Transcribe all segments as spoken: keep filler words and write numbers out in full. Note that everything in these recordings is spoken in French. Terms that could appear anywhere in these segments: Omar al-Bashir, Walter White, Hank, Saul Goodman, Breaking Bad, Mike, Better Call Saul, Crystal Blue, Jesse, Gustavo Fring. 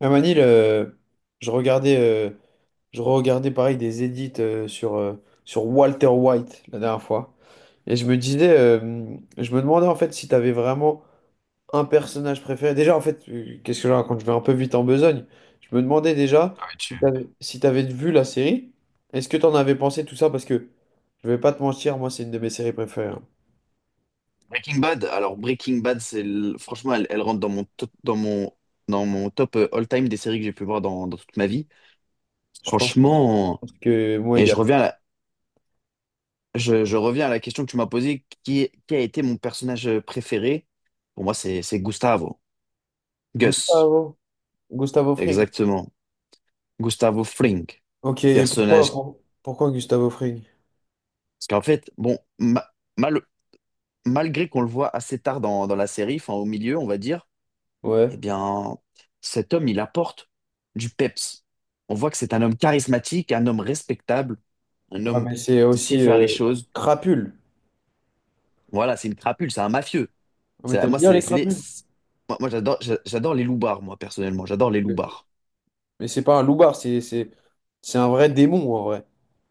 Même à Manil, euh, je regardais, euh, je regardais pareil des edits euh, sur, euh, sur Walter White la dernière fois. Et je me disais, euh, je me demandais en fait si tu avais vraiment un personnage préféré. Déjà, en fait, euh, qu'est-ce que je raconte? Je vais un peu vite en besogne. Je me demandais déjà si t'avais, si t'avais vu la série. Est-ce que t'en avais pensé tout ça? Parce que je vais pas te mentir, moi, c'est une de mes séries préférées, hein. Breaking Bad, alors Breaking Bad, c'est le- franchement, elle, elle rentre dans mon top, dans mon, dans mon top euh, all-time des séries que j'ai pu voir dans, dans toute ma vie. Je pense que, je Franchement, pense que moi et je également. reviens à la, je, je reviens à la question que tu m'as posée, qui, est- qui a été mon personnage euh, préféré? Pour moi, c'est, c'est Gustavo. Gus, Gustavo, Gustavo Fring. exactement. Gustavo Fring. Ok, et pourquoi, Personnage. pour- pourquoi Gustavo Fring? Parce qu'en fait, bon, ma- mal- malgré qu'on le voit assez tard dans, dans la série, enfin au milieu, on va dire. Eh Ouais. bien, cet homme, il apporte du peps. On voit que c'est un homme charismatique, un homme respectable, un Ouais, homme mais c'est qui sait aussi faire les euh, choses. crapule. Voilà, c'est une crapule, c'est un mafieux. Oh, mais C'est- t'aimes Moi, bien c'est, les c'est les- crapules? c'est- moi, moi, j'adore, j'a- j'adore les loupards, moi, personnellement. J'adore Ok, les ok. loupards. Mais c'est pas un loupard, c'est c'est c'est un vrai démon en vrai,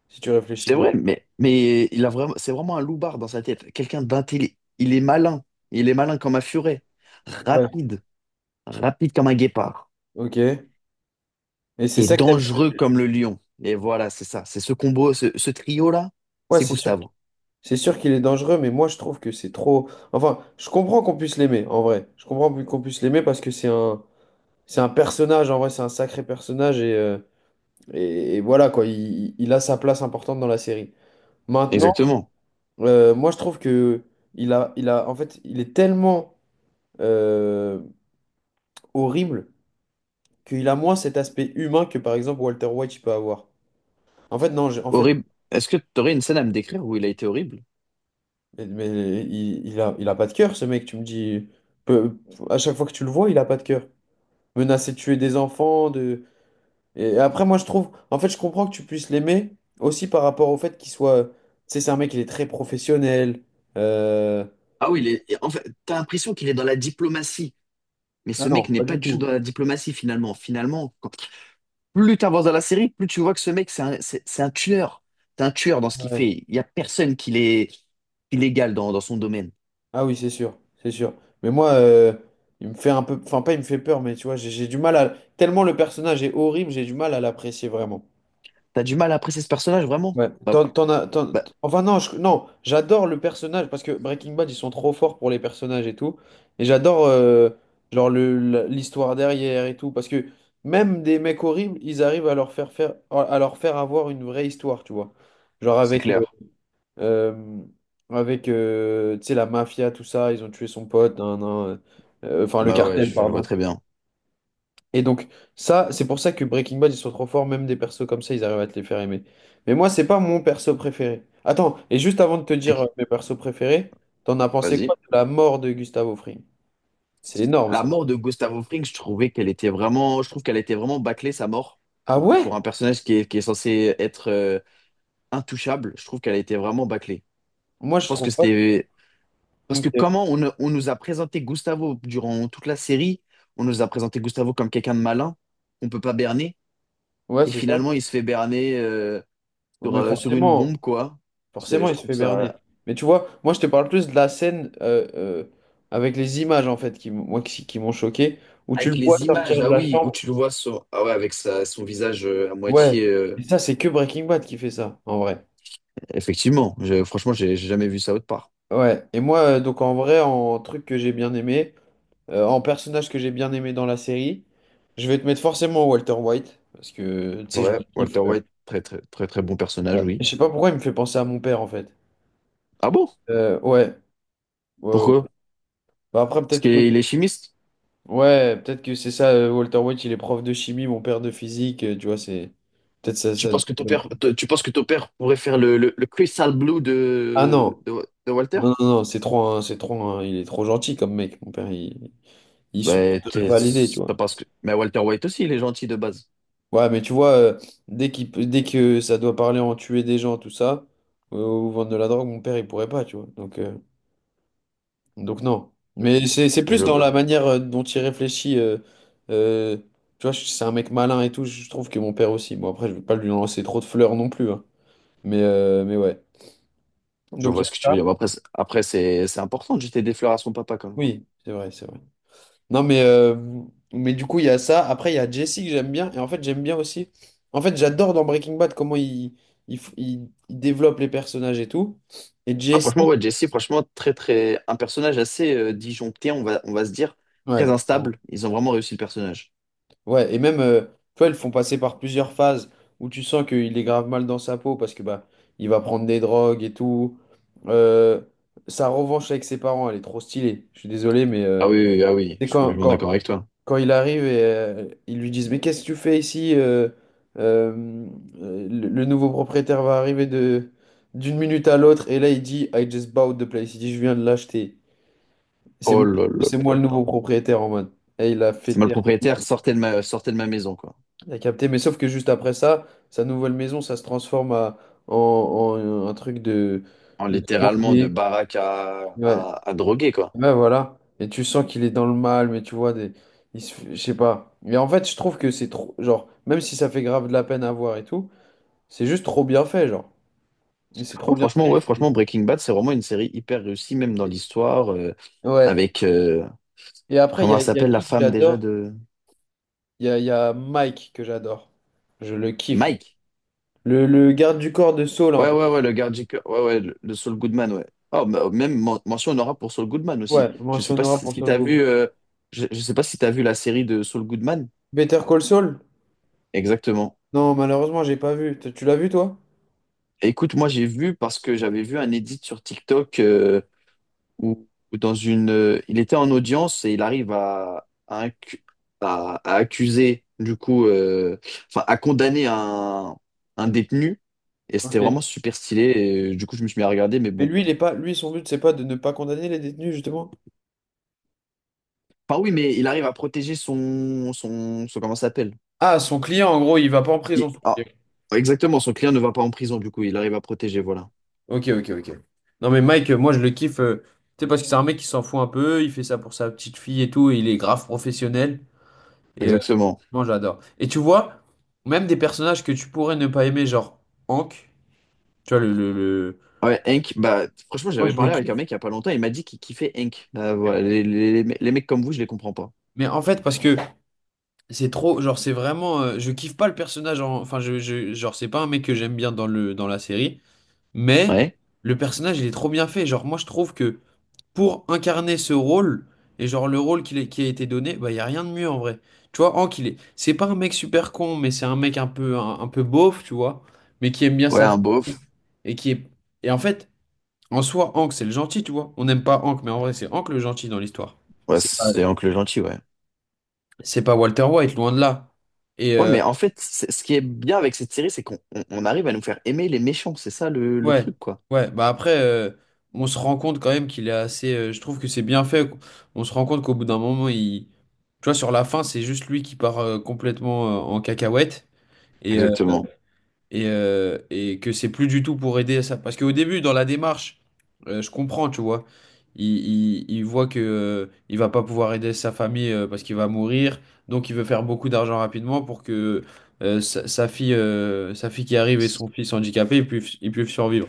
si tu réfléchis C'est bien. vrai, mais, mais il a vraiment, c'est vraiment un loupard dans sa tête. Quelqu'un d'intelligent. Il est malin. Il est malin comme un furet. Ouais. Rapide. Rapide comme un guépard. Ok. Et c'est Et ça que t'aimes. dangereux comme le lion. Et voilà, c'est ça. C'est ce combo, ce, ce trio-là, Ouais, c'est c'est sûr, Gustavo. c'est sûr qu'il est dangereux, mais moi je trouve que c'est trop. Enfin, je comprends qu'on puisse l'aimer en vrai. Je comprends qu'on puisse l'aimer parce que c'est un c'est un personnage en vrai, c'est un sacré personnage et euh, et, et voilà quoi. Il, il a sa place importante dans la série. Maintenant, Exactement. euh, moi je trouve que il a il a en fait il est tellement euh, horrible qu'il a moins cet aspect humain que par exemple Walter White il peut avoir. En fait, non, j'ai- en fait, Horrible. Est-ce que tu aurais une scène à me décrire où il a été horrible? mais mais il, il a, il a pas de cœur, ce mec, tu me dis. Peu- à chaque fois que tu le vois, il a pas de cœur. Menacer de tuer des enfants, de. Et après, moi, je trouve. En fait, je comprends que tu puisses l'aimer aussi par rapport au fait qu'il soit. Tu sais, c'est un mec, il est très professionnel. Euh, Ah oui, il est- en fait, t'as l'impression qu'il est dans la diplomatie, mais Ah ce mec non, n'est pas pas du du tout dans tout. la diplomatie finalement. Finalement, quand- plus t'avances dans la série, plus tu vois que ce mec, c'est un, c'est- c'est un tueur. C'est un tueur dans ce qu'il Ouais. fait. Il n'y a personne qui l'est illégal dans, dans son domaine. Ah oui, c'est sûr, c'est sûr. Mais moi, euh, il me fait un peu... Enfin, pas il me fait peur, mais tu vois, j'ai j'ai du mal à... Tellement le personnage est horrible, j'ai du mal à l'apprécier vraiment. T'as du mal à apprécier ce personnage, vraiment? Ouais. Bah, T'en, t'en as, t'en- bah, Enfin non, je- non, j'adore le personnage parce que Breaking Bad, ils sont trop forts pour les personnages et tout. Et j'adore euh, genre le, la- l'histoire derrière et tout. Parce que même des mecs horribles, ils arrivent à leur faire faire, à leur faire avoir une vraie histoire, tu vois. Genre c'est avec... euh, clair. euh, avec euh, tu sais, la mafia, tout ça, ils ont tué son pote, nan, nan, euh, euh, enfin le Bah ouais, cartel, je cartel, je vois pardon. très bien. Et donc, ça, c'est pour ça que Breaking Bad, ils sont trop forts, même des persos comme ça, ils arrivent à te les faire aimer. Mais moi, c'est pas mon perso préféré. Attends, et juste avant de te dire Ok. euh, mes persos préférés, t'en as pensé Vas-y. quoi de la mort de Gustavo Fring? C'est énorme La ça. mort de Gustavo Fring, je trouvais qu'elle était vraiment, je trouve qu'elle était vraiment bâclée, sa mort, Ah pour, que- ouais? pour un personnage qui est, qui est censé être euh, intouchable, je trouve qu'elle a été vraiment bâclée. Moi, Je je pense que trouve pas. c'était... Parce que Ok. comment on, on nous a présenté Gustavo durant toute la série, on nous a présenté Gustavo comme quelqu'un de malin, on peut pas berner, Ouais, et c'est ça. finalement il se fait berner euh, Bon, sur, mais euh, sur une bombe, forcément. quoi. C'est, Forcément, je il se trouve fait berner. ça... Mais tu vois, moi, je te parle plus de la scène euh, euh, avec les images, en fait, qui, m- moi, qui, qui m'ont choqué, où tu le Avec vois les images, sortir de ah la oui, où chambre. tu le vois sur... ah ouais, avec sa- son visage euh, à Ouais. moitié... euh, Et ça, c'est que Breaking Bad qui fait ça, en vrai. Effectivement, je- franchement, j'ai j'ai jamais vu ça autre part. Ouais. Et moi, euh, donc, en vrai, en truc que j'ai bien aimé, euh, en personnage que j'ai bien aimé dans la série, je vais te mettre forcément Walter White, parce que, tu sais, je Ouais, le kiffe. Walter euh, White, très très très très bon personnage, Ouais. Je oui. sais pas pourquoi il me fait penser à mon père, en fait. Ah bon? Euh, ouais. Ouais, ouais. Pourquoi? Bah, après, Parce peut-être que qu'il est chimiste? ouais, peut-être que c'est ça, euh, Walter White, il est prof de chimie, mon père de physique, euh, tu vois, c'est... Peut-être ça, Tu ça... penses que ton père, t- tu penses que ton père pourrait faire le, le, le Crystal Blue Ah de, non, de, de Walter? non, non, non, c'est trop, un- c'est trop, un- il est trop gentil comme mec, mon père, il, il Ben, supporterait t'es- pas l'idée, tu c'est vois. pas parce que. Mais Walter White aussi, il est gentil de base. Ouais, mais tu vois, euh, dès qu'il, peut- dès que ça doit parler en tuer des gens, tout ça, euh, ou vendre de la drogue, mon père, il pourrait pas, tu vois, donc, euh, donc non. Mais c'est, c'est plus Je, dans la manière euh, dont il réfléchit, euh, euh, tu vois, c'est un mec malin et tout, je trouve que mon père aussi, bon après, je veux pas lui lancer trop de fleurs non plus, hein. Mais, euh, mais ouais. je Donc il vois y a ce que tu ça. veux dire. Bon, après, c'est- après c'est c'est important de jeter des fleurs à son papa quand même. Oui, c'est vrai, c'est vrai. Non, mais, euh, mais du coup, il y a ça. Après, il y a Jesse que j'aime bien. Et en fait, j'aime bien aussi. En fait, j'adore dans Breaking Bad comment il, il, f- il- il développe les personnages et tout. Et Ah, Jesse. franchement, ouais, Jesse, franchement, très très un personnage assez euh, disjoncté, on va on va se dire, très Ouais, clairement. instable. Ils ont vraiment réussi le personnage. Ouais, et même, euh, tu vois, ils le font passer par plusieurs phases où tu sens qu'il est grave mal dans sa peau parce que bah, il va prendre des drogues et tout. Euh, Sa revanche avec ses parents, elle est trop stylée. Je suis désolé, mais euh, Ah oui, oui, ah oui, c'est je suis quand, complètement d'accord quand, avec toi. quand il arrive et euh, ils lui disent, mais qu'est-ce que tu fais ici? Euh, euh, euh, le, le nouveau propriétaire va arriver de d'une minute à l'autre et là il dit, I just bought the place. Il dit, je viens de l'acheter. C'est Oh moi, là là c'est moi là le là. nouveau propriétaire en mode. Et il a fait C'est moi le taire, propriétaire, sortez de ma, sortez de ma maison, quoi. il a capté. Mais sauf que juste après ça, sa nouvelle maison, ça se transforme à- en, en un truc de, En de littéralement de drogué. baraque à, Ouais. à, à droguer, quoi. Ouais, voilà. Et tu sens qu'il est dans le mal, mais tu vois, des... il se... je sais pas. Mais en fait, je trouve que c'est trop. Genre, même si ça fait grave de la peine à voir et tout, c'est juste trop bien fait, genre. Mais c'est trop Oh, bien franchement, ouais, fait. franchement, Et- Breaking Bad, c'est vraiment une série hyper réussie, même dans l'histoire, euh, Ouais. avec, euh, Et après, il y comment a, elle il y a s'appelle la qui que femme déjà j'adore? de... Il y a, il y a Mike que j'adore. Je le kiffe, lui. Mike. Le, le garde du corps de Saul, un Ouais, peu. ouais, ouais, le gardien. Ouais, ouais, le, le Saul Goodman, ouais. Oh, bah, même men- mention honorable pour Saul Goodman aussi. Ouais, Je sais mention pas honorable si, pour si Saul t'as vu, Goodman. euh, je, je sais pas si t'as vu la série de Saul Goodman. Better Call Saul? Exactement. Non, malheureusement, j'ai pas vu. Tu tu l'as vu, toi? Écoute, moi j'ai vu parce que j'avais vu un edit sur TikTok euh, où, où dans une, euh, il était en audience et il arrive à, à, incu- à- à accuser du coup, euh, enfin à condamner un, un détenu et c'était Ok. vraiment super stylé. Et, euh, du coup, je me suis mis à regarder, mais Mais bon. lui, il est pas... lui, son but, c'est pas de ne pas condamner les détenus, justement. Enfin oui, mais il arrive à protéger son, son, son comment ça s'appelle? Ah, son client, en gros, il va pas en Il- prison, son ah, client. exactement, son client ne va pas en prison du coup, il arrive à protéger, voilà. Ok, ok, ok. Non, mais Mike, euh, moi, je le kiffe. Euh, tu sais, parce que c'est un mec qui s'en fout un peu. Il fait ça pour sa petite fille et tout, et il est grave professionnel. Et euh, Exactement. moi, j'adore. Et tu vois, même des personnages que tu pourrais ne pas aimer, genre Hank, tu vois, le, le, le- Ouais, Hank, bah, franchement, Moi, j'avais je le parlé avec un kiffe. mec il y a pas longtemps, il m'a dit qu'il kiffait Hank. Bah, voilà, les, les- les- les mecs comme vous, je les comprends pas. Mais en fait, parce que c'est trop, genre, c'est vraiment, euh, je kiffe pas le personnage, en- enfin, je, je- genre, c'est pas un mec que j'aime bien dans le, dans la série, mais Ouais? le personnage, il est trop bien fait. Genre, moi, je trouve que pour incarner ce rôle, et genre le rôle qu'il est- qui a été donné, bah, il n'y a rien de mieux en vrai. Tu vois, Hank, il est... c'est pas un mec super con, mais c'est un mec un peu, un, un peu beauf, tu vois, mais qui aime bien Ouais, sa un famille. beauf. Et qui est... Et en fait, en soi, Hank, c'est le gentil, tu vois. On n'aime pas Hank, mais en vrai, c'est Hank le gentil dans l'histoire. Ouais, C'est pas, c'est Hank le gentil, ouais. c'est pas Walter White, loin de là. Et, Ouais, euh, mais en fait, c'est- ce qui est bien avec cette série, c'est qu'on on- on arrive à nous faire aimer les méchants, c'est ça le, le Ouais, truc, quoi. ouais, bah après, euh, on se rend compte quand même qu'il est assez. Euh, je trouve que c'est bien fait. On se rend compte qu'au bout d'un moment, il. Tu vois, sur la fin, c'est juste lui qui part euh, complètement euh, en cacahuète et, euh, Exactement, et, euh, et que c'est plus du tout pour aider à ça. Parce qu'au début, dans la démarche, euh, je comprends, tu vois. Il, il, il voit que, euh, il va pas pouvoir aider sa famille euh, parce qu'il va mourir. Donc, il veut faire beaucoup d'argent rapidement pour que euh, sa, sa fille, euh, sa fille qui arrive et son fils handicapé, ils puissent, ils puissent survivre.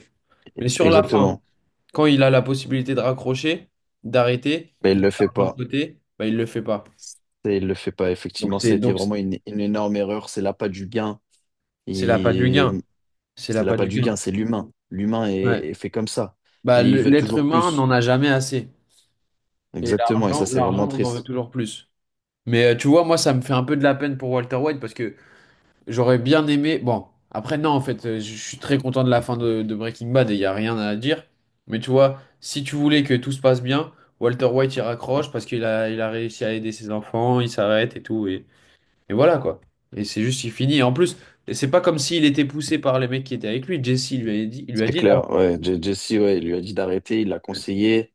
Mais sur la fin, exactement. quand il a la possibilité de raccrocher, d'arrêter, Mais qu'il il a de le fait l'argent de pas. côté, bah, il ne le fait pas. Et il le fait pas, Donc effectivement, ça c'est a été donc c'est vraiment une, une énorme erreur, c'est l'appât du gain. c'est l'appât du Et gain. C'est c'est l'appât l'appât du du gain, gain. c'est l'humain. L'humain est Ouais. est fait comme ça. Bah, Et il le- veut l'être toujours humain plus. n'en a jamais assez. Et Exactement, et ça, l'argent, c'est vraiment l'argent, on en veut triste. toujours plus. Mais euh, tu vois, moi, ça me fait un peu de la peine pour Walter White parce que j'aurais bien aimé. Bon, après, non, en fait, euh, je je suis très content de la fin de, de Breaking Bad et il n'y a rien à dire. Mais tu vois, si tu voulais que tout se passe bien, Walter White il raccroche parce qu'il a, il a réussi à aider ses enfants, il s'arrête et tout. Et, et voilà quoi. Et c'est juste, il finit. Et en plus, c'est pas comme s'il était poussé par les mecs qui étaient avec lui. Jesse il lui a dit, Il lui a C'est dit d'arrêter. clair, ouais. Je- Jesse, ouais, il lui a dit d'arrêter, il l'a conseillé,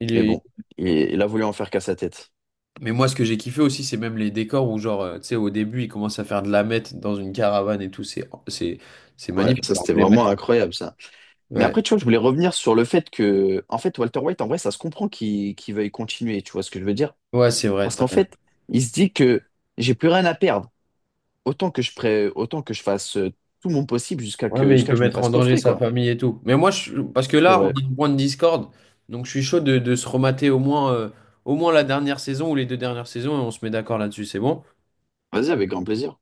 Il mais est- bon, il, il a voulu en faire qu'à sa tête. Mais moi, ce que j'ai kiffé aussi, c'est même les décors où, genre, euh, tu sais, au début, il commence à faire de la meth dans une caravane et tout. C'est, c'est, c'est Ouais, magnifique, ça c'est c'était vraiment emblématique. incroyable ça. Mais Ouais, après, tu vois, je voulais revenir sur le fait que, en fait, Walter White, en vrai, ça se comprend qu'il qu'il veuille continuer, tu vois ce que je veux dire? ouais, c'est vrai. Parce qu'en fait, il se dit que j'ai plus rien à perdre. Autant que je pré... autant que je fasse euh, tout mon possible jusqu'à Ouais, que mais il jusqu'à peut que je me mettre fasse en danger coffrer, sa quoi. famille et tout. Mais moi, je, parce que C'est là, on vrai. a un point de discorde, donc je suis chaud de, de se remater au moins, euh, au moins la dernière saison ou les deux dernières saisons et on se met d'accord là-dessus, c'est bon? Vas-y, avec grand plaisir.